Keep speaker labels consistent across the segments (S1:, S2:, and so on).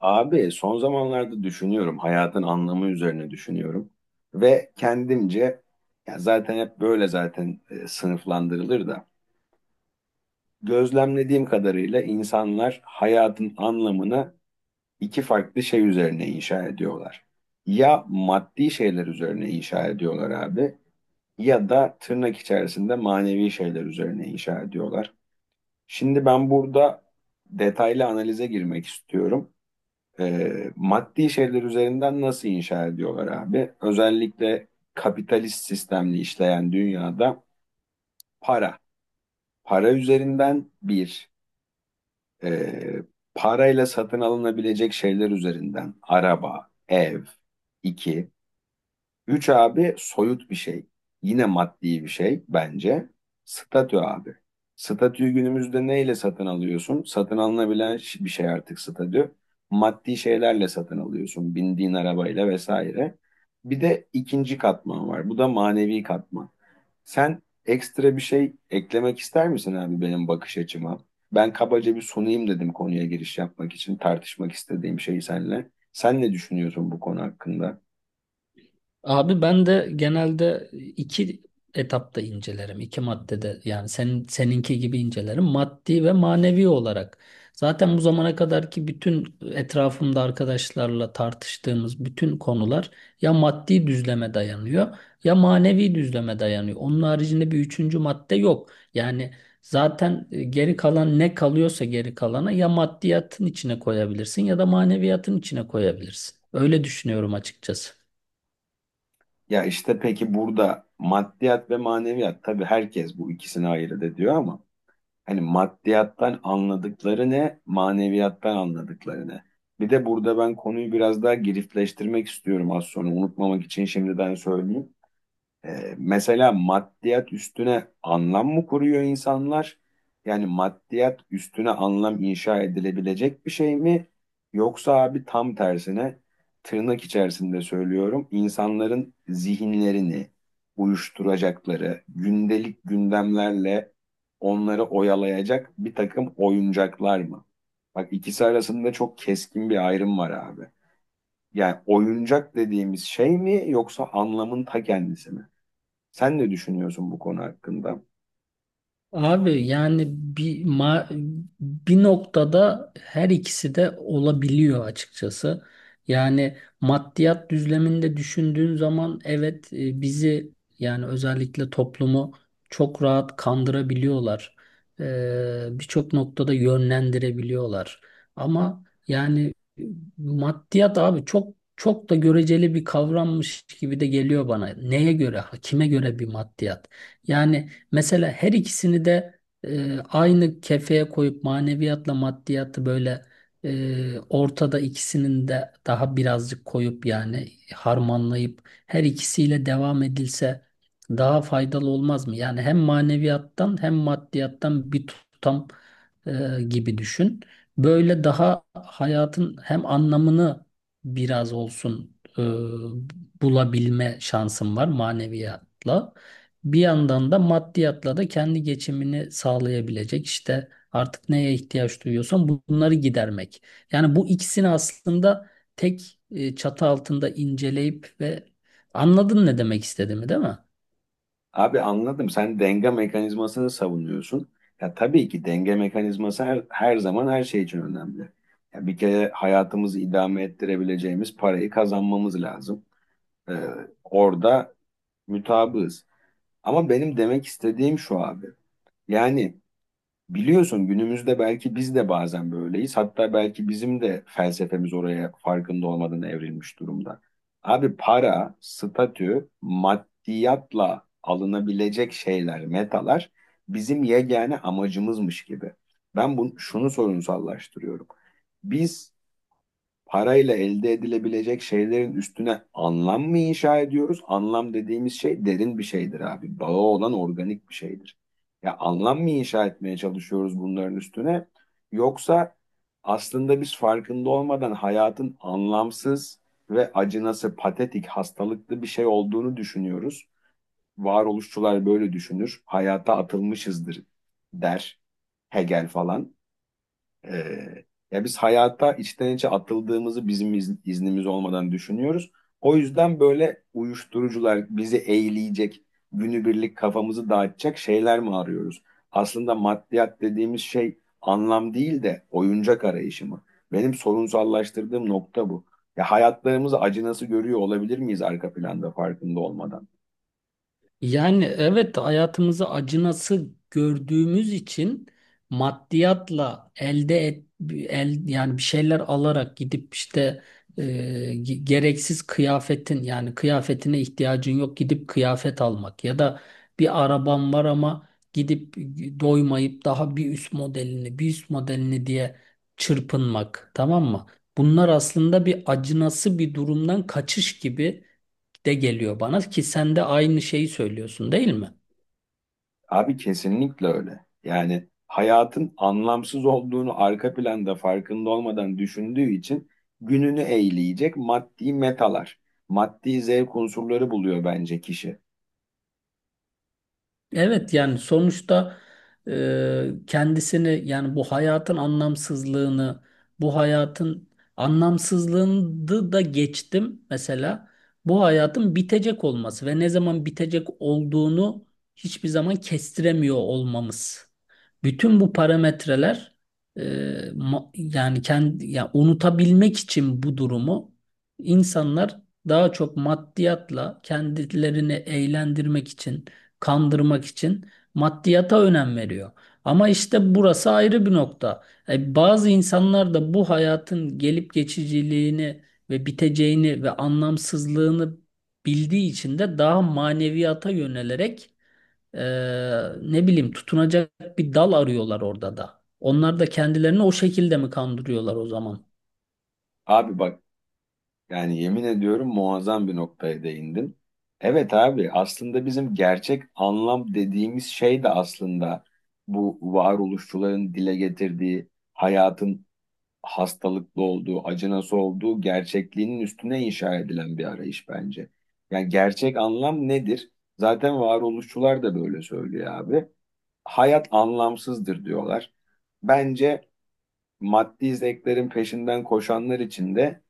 S1: Abi son zamanlarda düşünüyorum, hayatın anlamı üzerine düşünüyorum ve kendimce ya zaten hep böyle zaten sınıflandırılır da gözlemlediğim kadarıyla insanlar hayatın anlamını iki farklı şey üzerine inşa ediyorlar. Ya maddi şeyler üzerine inşa ediyorlar abi, ya da tırnak içerisinde manevi şeyler üzerine inşa ediyorlar. Şimdi ben burada detaylı analize girmek istiyorum. Maddi şeyler üzerinden nasıl inşa ediyorlar abi? Özellikle kapitalist sistemli işleyen dünyada para. Para üzerinden bir, e, parayla satın alınabilecek şeyler üzerinden araba, ev, iki, üç abi soyut bir şey. Yine maddi bir şey bence. Statü abi. Statüyü günümüzde neyle satın alıyorsun? Satın alınabilen bir şey artık statü. Maddi şeylerle satın alıyorsun. Bindiğin arabayla vesaire. Bir de ikinci katman var. Bu da manevi katman. Sen ekstra bir şey eklemek ister misin abi benim bakış açıma? Ben kabaca bir sunayım dedim konuya giriş yapmak için tartışmak istediğim şeyi seninle. Sen ne düşünüyorsun bu konu hakkında?
S2: Abi ben de genelde iki etapta incelerim. İki maddede yani seninki gibi incelerim. Maddi ve manevi olarak. Zaten bu zamana kadarki bütün etrafımda arkadaşlarla tartıştığımız bütün konular ya maddi düzleme dayanıyor ya manevi düzleme dayanıyor. Onun haricinde bir üçüncü madde yok. Yani zaten geri kalan ne kalıyorsa geri kalana ya maddiyatın içine koyabilirsin ya da maneviyatın içine koyabilirsin. Öyle düşünüyorum açıkçası.
S1: Ya işte peki burada maddiyat ve maneviyat tabii herkes bu ikisini ayırt ediyor ama hani maddiyattan anladıkları ne, maneviyattan anladıkları ne? Bir de burada ben konuyu biraz daha girifleştirmek istiyorum, az sonra unutmamak için şimdiden söyleyeyim. Mesela maddiyat üstüne anlam mı kuruyor insanlar? Yani maddiyat üstüne anlam inşa edilebilecek bir şey mi? Yoksa abi tam tersine, tırnak içerisinde söylüyorum, insanların zihinlerini uyuşturacakları, gündelik gündemlerle onları oyalayacak bir takım oyuncaklar mı? Bak ikisi arasında çok keskin bir ayrım var abi. Yani oyuncak dediğimiz şey mi yoksa anlamın ta kendisi mi? Sen ne düşünüyorsun bu konu hakkında?
S2: Abi yani bir noktada her ikisi de olabiliyor açıkçası. Yani maddiyat düzleminde düşündüğün zaman evet, bizi yani özellikle toplumu çok rahat kandırabiliyorlar. Birçok noktada yönlendirebiliyorlar. Ama yani e, maddiyat abi çok çok da göreceli bir kavrammış gibi de geliyor bana. Neye göre, kime göre bir maddiyat? Yani Mesela her ikisini de aynı kefeye koyup maneviyatla maddiyatı böyle ortada ikisinin de daha birazcık koyup yani harmanlayıp her ikisiyle devam edilse daha faydalı olmaz mı? Yani hem maneviyattan hem maddiyattan bir tutam gibi düşün. Böyle daha hayatın hem anlamını biraz olsun bulabilme şansın var maneviyatla. Bir yandan da maddiyatla da kendi geçimini sağlayabilecek işte artık neye ihtiyaç duyuyorsan bunları gidermek. Yani bu ikisini aslında tek çatı altında inceleyip ve anladın ne demek istediğimi, değil mi?
S1: Abi anladım. Sen denge mekanizmasını savunuyorsun. Ya tabii ki denge mekanizması her zaman her şey için önemli. Ya bir kere hayatımızı idame ettirebileceğimiz parayı kazanmamız lazım. Ee, Orada mutabığız. Ama benim demek istediğim şu abi. Yani Biliyorsun günümüzde belki biz de bazen böyleyiz. Hatta belki bizim de felsefemiz oraya farkında olmadan evrilmiş durumda. Abi para, statü, maddiyatla alınabilecek şeyler, metalar bizim yegane amacımızmış gibi. Şunu sorunsallaştırıyorum. Biz Parayla elde edilebilecek şeylerin üstüne anlam mı inşa ediyoruz? Anlam dediğimiz şey derin bir şeydir abi. Bağı olan organik bir şeydir. Ya anlam mı inşa etmeye çalışıyoruz bunların üstüne? Yoksa aslında biz farkında olmadan hayatın anlamsız ve acınası, patetik, hastalıklı bir şey olduğunu düşünüyoruz. Varoluşçular böyle düşünür. Hayata atılmışızdır der Hegel falan. Ee, Ya biz hayata içten içe atıldığımızı iznimiz olmadan düşünüyoruz. O yüzden böyle uyuşturucular bizi eğleyecek, günübirlik kafamızı dağıtacak şeyler mi arıyoruz? Aslında maddiyat dediğimiz şey anlam değil de oyuncak arayışı mı? Benim sorunsallaştırdığım nokta bu. Ya hayatlarımızı acı nasıl görüyor olabilir miyiz arka planda farkında olmadan?
S2: Yani evet, hayatımızı acınası gördüğümüz için maddiyatla elde et el yani bir şeyler alarak gidip işte e, gereksiz kıyafetin yani kıyafetine ihtiyacın yok, gidip kıyafet almak ya da bir araban var ama gidip doymayıp daha bir üst modelini bir üst modelini diye çırpınmak, tamam mı? Bunlar aslında bir acınası bir durumdan kaçış gibi de geliyor bana ki sen de aynı şeyi söylüyorsun, değil mi?
S1: Abi kesinlikle öyle. Yani hayatın anlamsız olduğunu arka planda farkında olmadan düşündüğü için gününü eğleyecek maddi metalar, maddi zevk unsurları buluyor bence kişi.
S2: Evet, yani sonuçta kendisini yani bu hayatın anlamsızlığını bu hayatın anlamsızlığını da geçtim, mesela bu hayatın bitecek olması ve ne zaman bitecek olduğunu hiçbir zaman kestiremiyor olmamız. Bütün bu parametreler e, yani kendi yani unutabilmek için bu durumu, insanlar daha çok maddiyatla kendilerini eğlendirmek için, kandırmak için maddiyata önem veriyor. Ama işte burası ayrı bir nokta. E, bazı insanlar da bu hayatın gelip geçiciliğini ve biteceğini ve anlamsızlığını bildiği için de daha maneviyata yönelerek e, ne bileyim tutunacak bir dal arıyorlar orada da. Onlar da kendilerini o şekilde mi kandırıyorlar o zaman?
S1: Abi bak, yani yemin ediyorum muazzam bir noktaya değindin. Evet abi aslında bizim gerçek anlam dediğimiz şey de aslında bu varoluşçuların dile getirdiği hayatın hastalıklı olduğu, acı nasıl olduğu gerçekliğinin üstüne inşa edilen bir arayış bence. Yani gerçek anlam nedir? Zaten varoluşçular da böyle söylüyor abi. Hayat anlamsızdır diyorlar. Bence maddi zevklerin peşinden koşanlar için de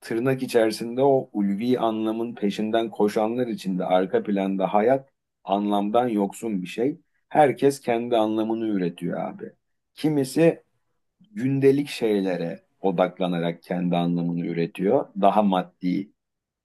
S1: tırnak içerisinde o ulvi anlamın peşinden koşanlar için de arka planda hayat anlamdan yoksun bir şey. Herkes kendi anlamını üretiyor abi. Kimisi gündelik şeylere odaklanarak kendi anlamını üretiyor. Daha maddi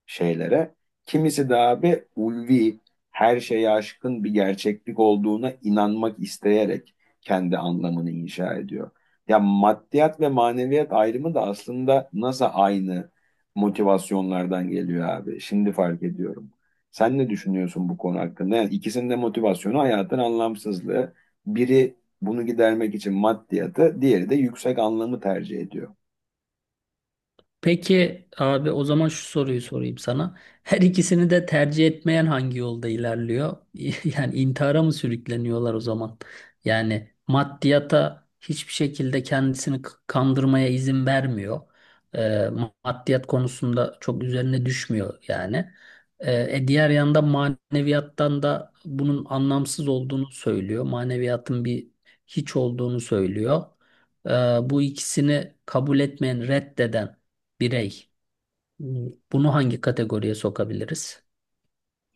S1: şeylere. Kimisi de abi ulvi, her şeye aşkın bir gerçeklik olduğuna inanmak isteyerek kendi anlamını inşa ediyor. Ya maddiyat ve maneviyat ayrımı da aslında nasıl aynı motivasyonlardan geliyor abi. Şimdi fark ediyorum. Sen ne düşünüyorsun bu konu hakkında? Yani ikisinin de motivasyonu hayatın anlamsızlığı. Biri bunu gidermek için maddiyatı, diğeri de yüksek anlamı tercih ediyor.
S2: Peki abi o zaman şu soruyu sorayım sana. Her ikisini de tercih etmeyen hangi yolda ilerliyor? Yani intihara mı sürükleniyorlar o zaman? Yani maddiyata hiçbir şekilde kendisini kandırmaya izin vermiyor. Ee, Maddiyat konusunda çok üzerine düşmüyor yani. Diğer yanda maneviyattan da bunun anlamsız olduğunu söylüyor. Maneviyatın bir hiç olduğunu söylüyor. Ee, Bu ikisini kabul etmeyen, reddeden birey. Bunu hangi kategoriye sokabiliriz?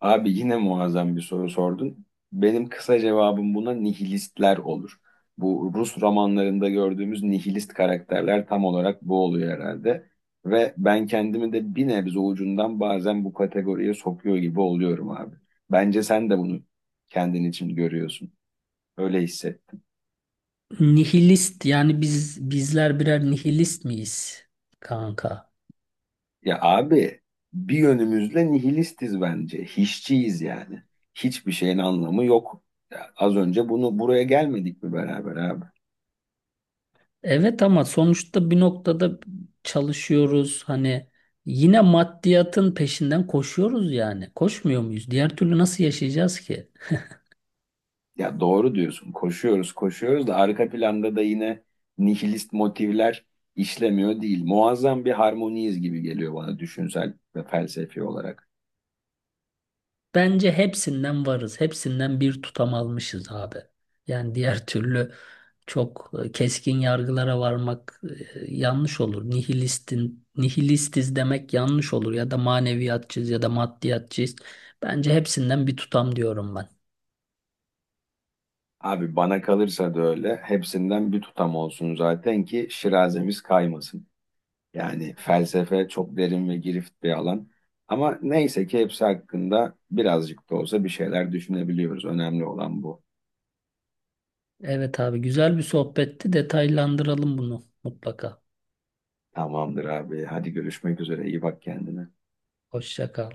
S1: Abi yine muazzam bir soru sordun. Benim kısa cevabım buna nihilistler olur. Bu Rus romanlarında gördüğümüz nihilist karakterler tam olarak bu oluyor herhalde. Ve ben kendimi de bir nebze ucundan bazen bu kategoriye sokuyor gibi oluyorum abi. Bence sen de bunu kendin için görüyorsun. Öyle hissettim.
S2: Nihilist yani bizler birer nihilist miyiz kanka?
S1: Ya abi bir yönümüzle nihilistiz bence. Hiççiyiz yani. Hiçbir şeyin anlamı yok. Ya az önce bunu buraya gelmedik mi beraber abi?
S2: Evet ama sonuçta bir noktada çalışıyoruz. Hani yine maddiyatın peşinden koşuyoruz yani. Koşmuyor muyuz? Diğer türlü nasıl yaşayacağız ki?
S1: Ya doğru diyorsun. Koşuyoruz, koşuyoruz da arka planda da yine nihilist motivler işlemiyor değil. Muazzam bir harmoniyiz gibi geliyor bana düşünsel ve felsefi olarak.
S2: Bence hepsinden varız. Hepsinden bir tutam almışız abi. Yani diğer türlü çok keskin yargılara varmak yanlış olur. Nihilistiz demek yanlış olur. Ya da maneviyatçıyız ya da maddiyatçıyız. Bence hepsinden bir tutam diyorum ben.
S1: Abi bana kalırsa da öyle. Hepsinden bir tutam olsun zaten ki şirazemiz kaymasın. Yani felsefe çok derin ve girift bir alan. Ama neyse ki hepsi hakkında birazcık da olsa bir şeyler düşünebiliyoruz. Önemli olan bu.
S2: Evet abi, güzel bir sohbetti. Detaylandıralım bunu mutlaka.
S1: Tamamdır abi. Hadi görüşmek üzere. İyi bak kendine.
S2: Hoşça kal.